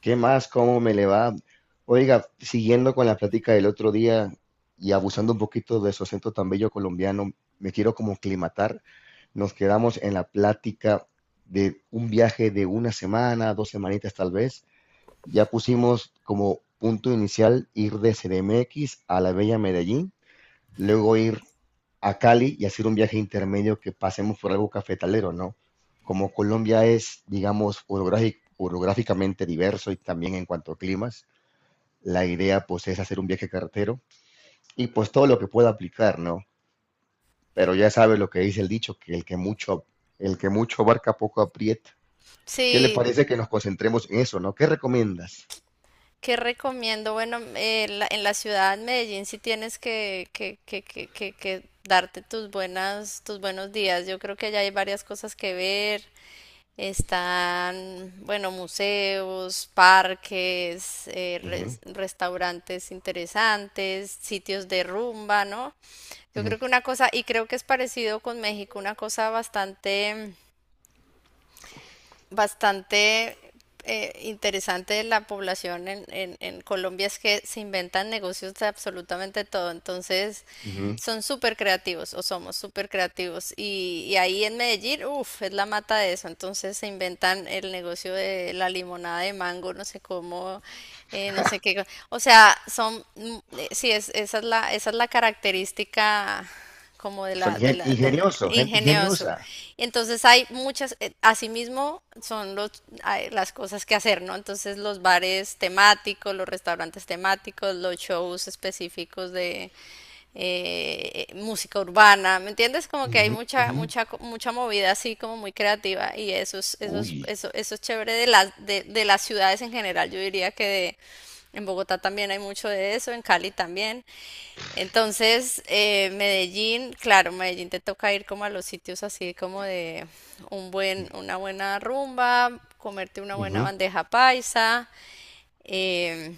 ¿Qué más? ¿Cómo me le va? Oiga, siguiendo con la plática del otro día y abusando un poquito de su acento tan bello colombiano, me quiero como climatar. Nos quedamos en la plática de un viaje de una semana, dos semanitas tal vez. Ya pusimos como punto inicial ir de CDMX a la bella Medellín, luego ir a Cali y hacer un viaje intermedio que pasemos por algo cafetalero, ¿no? Como Colombia es, digamos, orográficamente diverso y también en cuanto a climas, la idea pues es hacer un viaje carretero y pues todo lo que pueda aplicar, ¿no? Pero ya sabes lo que dice el dicho, que el que mucho abarca poco aprieta. Entonces, ¿qué le Sí, parece que nos concentremos en eso, no? ¿Qué recomiendas? ¿qué recomiendo? Bueno, en la ciudad de Medellín sí tienes que darte tus buenos días. Yo creo que allá hay varias cosas que ver. Están, bueno, museos, parques, Ujú, restaurantes interesantes, sitios de rumba, ¿no? Yo ujú, creo que una cosa, y creo que es parecido con México, una cosa bastante interesante de la población en Colombia es que se inventan negocios de absolutamente todo. Entonces, ujú. son súper creativos o somos súper creativos. Y ahí en Medellín, uff, es la mata de eso. Entonces, se inventan el negocio de la limonada de mango, no sé cómo, no sé qué. O sea, es, esa es la característica como Son de la, del ingeniosos, gente ingenioso. ingeniosa. Entonces hay muchas, asimismo hay las cosas que hacer, ¿no? Entonces los bares temáticos, los restaurantes temáticos, los shows específicos de música urbana, ¿me entiendes? Como que hay Ujú, ujú. Mucha movida así como muy creativa y Uy. Eso es chévere de de las ciudades en general. Yo diría en Bogotá también hay mucho de eso, en Cali también. Entonces, Medellín, claro, Medellín te toca ir como a los sitios así como de una buena rumba, comerte una buena Ujú. bandeja paisa, em,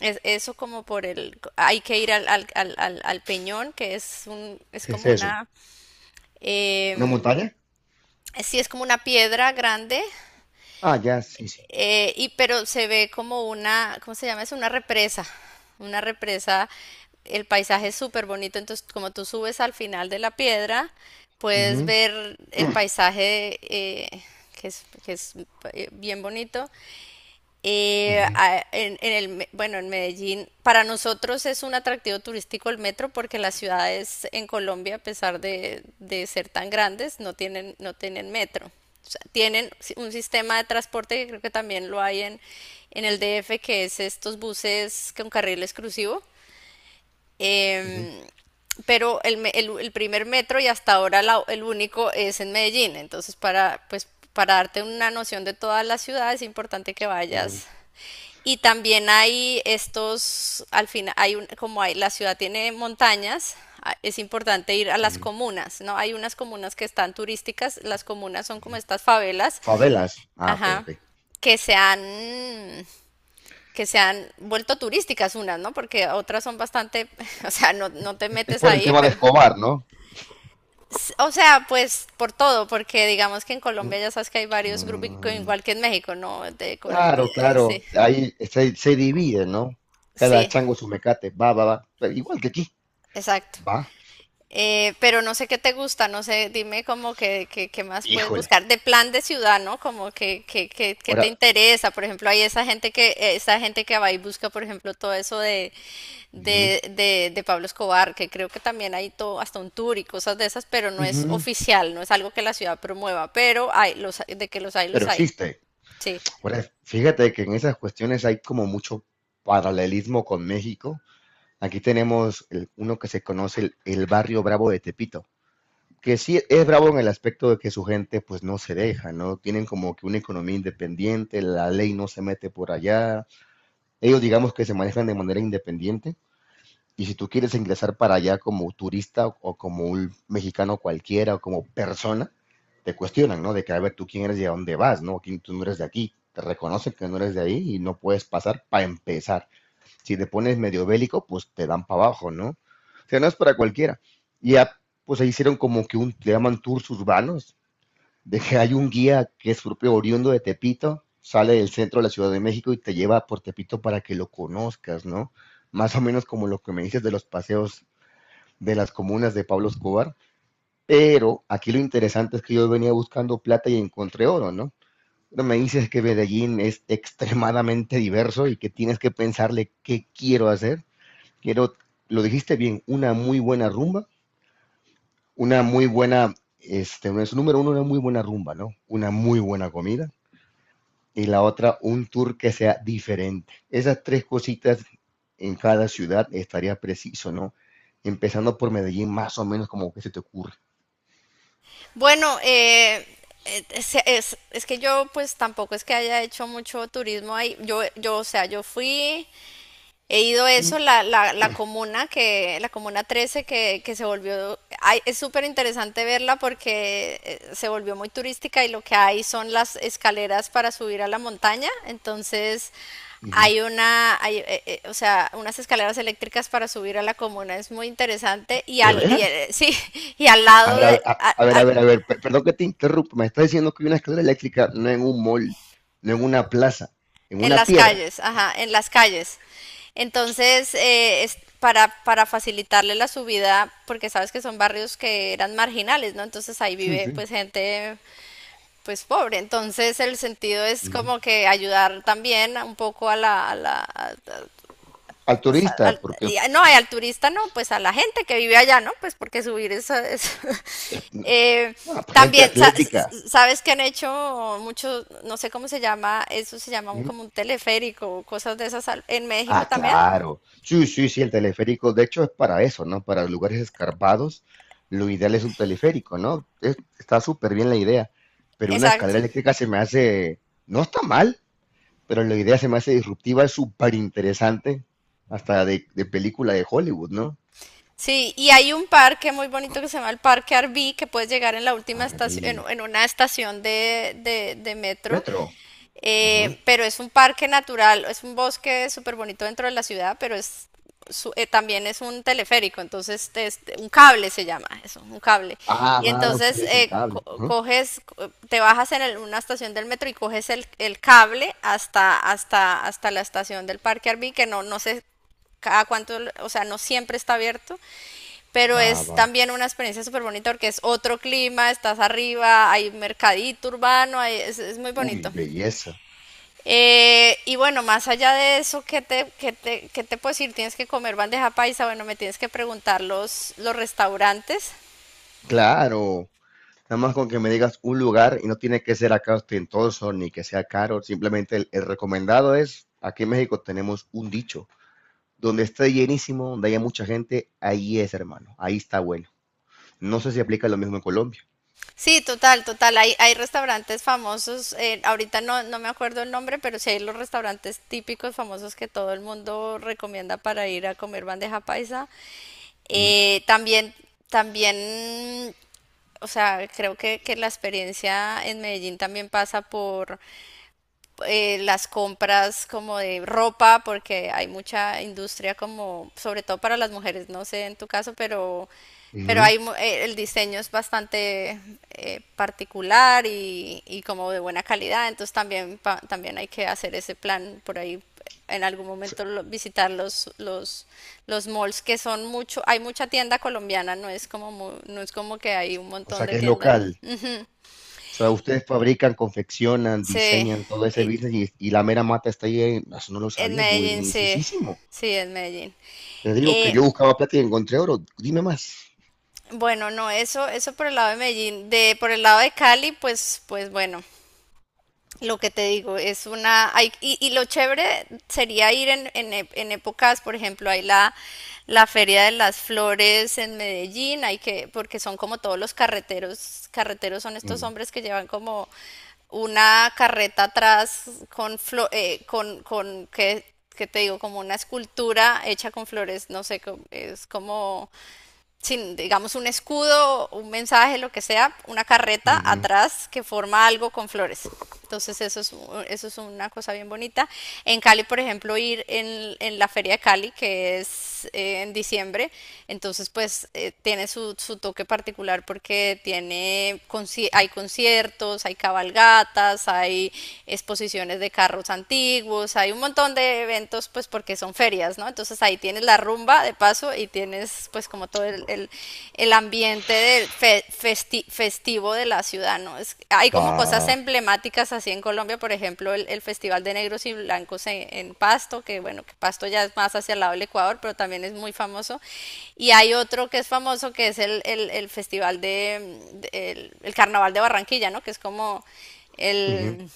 es, eso como por el, hay que ir al Peñón, que es un, es ¿Qué es como eso? una, ¿Una em, montaña? sí, es como una piedra grande. Ah, ya, sí, sí. Y pero se ve como una, ¿cómo se llama eso? Una represa, el paisaje es súper bonito, entonces como tú subes al final de la piedra, puedes Ujú, ver el paisaje que es bien bonito. Ujú, En bueno, en Medellín, para nosotros es un atractivo turístico el metro porque las ciudades en Colombia, a pesar de ser tan grandes, no tienen metro. O sea, tienen si- un sistema de transporte que creo que también lo hay en el DF, que es estos buses con carril exclusivo. ujú, Em, pero el primer metro y hasta ahora el único es en Medellín. Entonces, para, pues, para darte una noción de toda la ciudad es importante que ujú. vayas. Y también hay estos, al final, hay un- como hay, la ciudad tiene montañas, es importante ir a las Ujú. comunas, ¿no? Hay unas comunas que están turísticas, las comunas son como estas favelas, Favelas. Ah, ok, ajá, ok. que se han, que se han vuelto turísticas unas, ¿no? Porque otras son bastante, o sea, no, no te Es metes por el ahí, tema de pero... Escobar, ¿no? O sea, pues por todo, porque digamos que en Mm, Colombia ya sabes que hay varios grupos, mm. igual que en México, ¿no? Claro, claro. Sí, Ahí se divide, ¿no? Cada sí, chango su mecate. Va, va, va. Pero igual que aquí. exacto. Va. Pero no sé qué te gusta, no sé, dime como qué más puedes Híjole. buscar de plan de ciudad, ¿no? Como que te Ahora. interesa, por ejemplo, hay esa gente que va y busca, por ejemplo, todo eso Ujú, de Pablo Escobar, que creo que también hay todo, hasta un tour y cosas de esas, pero no es ujú. oficial, no es algo que la ciudad promueva, pero hay, los, de que Pero los hay, existe. sí. Ahora, fíjate que en esas cuestiones hay como mucho paralelismo con México. Aquí tenemos uno que se conoce, el Barrio Bravo de Tepito. Que sí es bravo en el aspecto de que su gente pues no se deja, ¿no? Tienen como que una economía independiente, la ley no se mete por allá, ellos digamos que se manejan de manera independiente. Y si tú quieres ingresar para allá como turista o, como un mexicano cualquiera o como persona, te cuestionan, ¿no? De que a ver tú quién eres y a dónde vas, ¿no? ¿Quién? Tú no eres de aquí, te reconocen que no eres de ahí y no puedes pasar. Para empezar, si te pones medio bélico, pues te dan para abajo, ¿no? O sea, no es para cualquiera. Y ya, pues ahí hicieron como que le llaman tours urbanos, de que hay un guía que es propio oriundo de Tepito, sale del centro de la Ciudad de México y te lleva por Tepito para que lo conozcas, ¿no? Más o menos como lo que me dices de los paseos de las comunas de Pablo Escobar. Pero aquí lo interesante es que yo venía buscando plata y encontré oro, ¿no? Pero me dices que Medellín es extremadamente diverso y que tienes que pensarle qué quiero hacer. Quiero, lo dijiste bien, una muy buena rumba, una muy buena, no es número uno, una muy buena rumba, ¿no? Una muy buena comida y la otra un tour que sea diferente. Esas tres cositas en cada ciudad estaría preciso, ¿no? Empezando por Medellín, más o menos como que se te ocurre. Bueno, es que yo pues tampoco es que haya hecho mucho turismo ahí. O sea, yo fui. He ido a eso, la la comuna 13 que se volvió, ay, es súper interesante verla porque se volvió muy turística y lo que hay son las escaleras para subir a la montaña. Entonces Ujú. O sea, unas escaleras eléctricas para subir a la comuna, es muy interesante. ¿De veras? Sí, y al A lado ver, a ver, a ver, a ver, a ver, perdón que te interrumpa, me estás diciendo que hay una escalera eléctrica no en un mall, no en una plaza, en en una las piedra. calles, ajá, en las calles. Entonces, es para facilitarle la subida, porque sabes que son barrios que eran marginales, ¿no? Entonces ahí Sí, vive sí. pues gente pues pobre. Entonces el sentido es Ujú. como que ayudar también un poco a la, Al pues, turista, porque. No, y al turista no, pues a la gente que vive allá, ¿no? Pues porque subir eso es... Eh, Ah, gente también, sa- s- atlética. s- ¿sabes que han hecho muchos, no sé cómo se llama, eso se llama Mm. como un teleférico, cosas de esas en México Ah, también? claro. Sí, sí, sí, el teleférico, de hecho, es para eso, ¿no? Para lugares escarpados, lo ideal es un teleférico, ¿no? Está súper bien la idea, pero una Exacto. escalera eléctrica se me hace, no está mal, pero la idea se me hace disruptiva, es súper interesante, hasta de, película de Hollywood, ¿no? Sí, y hay un parque muy bonito que se llama el Parque Arví, que puedes llegar en la última estación, Arby. En una estación de metro. Metro. Ujú. Pero es un parque natural, es un bosque súper bonito dentro de la ciudad, pero es también es un teleférico, entonces este, un cable se llama eso, un cable. Ah, Y va, a usted entonces le dicen cable. Ujú. coges, te bajas en una estación del metro y coges el cable hasta la estación del Parque Arví, que no, no sé cada cuánto, o sea, no siempre está abierto, pero Va, es va. también una experiencia súper bonita porque es otro clima, estás arriba, hay mercadito urbano, es muy Uy, bonito. belleza. Y bueno, más allá de eso, qué te puedo decir? ¿Tienes que comer bandeja paisa? Bueno, me tienes que preguntar los restaurantes. Claro. Nada más con que me digas un lugar y no tiene que ser acá ostentoso ni que sea caro, simplemente el, recomendado es, aquí en México tenemos un dicho, donde esté llenísimo, donde haya mucha gente, ahí es hermano, ahí está bueno. No sé si aplica lo mismo en Colombia. Sí, total, total. Hay restaurantes famosos, ahorita no, no me acuerdo el nombre, pero sí hay los restaurantes típicos famosos que todo el mundo recomienda para ir a comer bandeja paisa. Ujú, Eh, también, también, o sea, creo que la experiencia en Medellín también pasa por las compras como de ropa, porque hay mucha industria como, sobre todo para las mujeres, no sé en tu caso, pero ujú. hay, el diseño es bastante particular y como de buena calidad, entonces también, también hay que hacer ese plan por ahí. En algún momento visitar los malls que son mucho, hay mucha tienda colombiana, no es como, no es como que hay un O montón sea, de que es tiendas. local. Ujú, O sea, ustedes fabrican, confeccionan, sí, diseñan todo ese y, business y la mera mata está ahí, eso no lo en sabía, Medellín, sí, buenísimo. sí, en Medellín. Te digo que Eh, yo buscaba plata y encontré oro, dime más. bueno, no, eso por el lado de Medellín. De, por el lado de Cali, pues, pues bueno, lo que te digo, es una, y lo chévere sería ir en épocas, por ejemplo, hay la, la Feria de las Flores en Medellín, hay que, porque son como todos los carreteros, carreteros son estos Ujú, hombres que llevan como una carreta atrás con, con ¿qué, qué te digo? Como una escultura hecha con flores, no sé, es como sin, digamos, un escudo, un mensaje, lo que sea, una carreta ujú. atrás que forma algo con flores. Entonces eso es una cosa bien bonita. En Cali, por ejemplo, ir en la Feria de Cali, que es en diciembre, entonces pues tiene su, su toque particular porque tiene, hay conciertos, hay cabalgatas, hay exposiciones de carros antiguos, hay un montón de eventos pues porque porque son ferias, ¿no? Entonces ahí tienes la rumba de paso y tienes pues como todo el ambiente del festivo de la ciudad, ¿no? Es, hay como cosas Va. emblemáticas así en Colombia, por ejemplo, el Festival de Negros y Blancos en Pasto, que bueno, que Pasto ya es más hacia el lado del Ecuador, pero también es muy famoso. Y hay otro que es famoso, que es el Festival de el Carnaval de Barranquilla, ¿no? Que es Ujú. el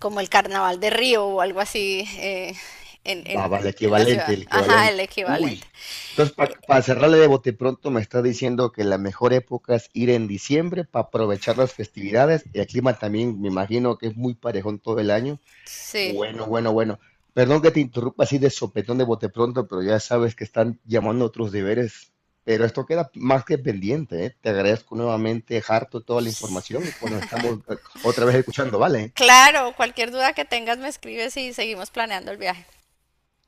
como el Carnaval de Río o algo así en, Va, en- vale, en la equivalente, ciudad. el Ajá, el equivalente. Uy. equivalente. Entonces, para cerrarle de bote pronto, me está diciendo que la mejor época es ir en diciembre para aprovechar las festividades y el clima también, me imagino que es muy parejón todo el año. Sí. Bueno, bueno, bueno. Perdón que te interrumpa así de sopetón de bote pronto, pero ya sabes que están llamando a otros deberes. Pero esto queda más que pendiente, ¿eh? Te agradezco nuevamente, harto, toda la información y pues nos estamos otra vez escuchando, ¿vale? Claro, cualquier duda que tengas me escribes y seguimos planeando el viaje.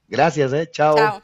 Gracias, ¿eh? Chao. Chao.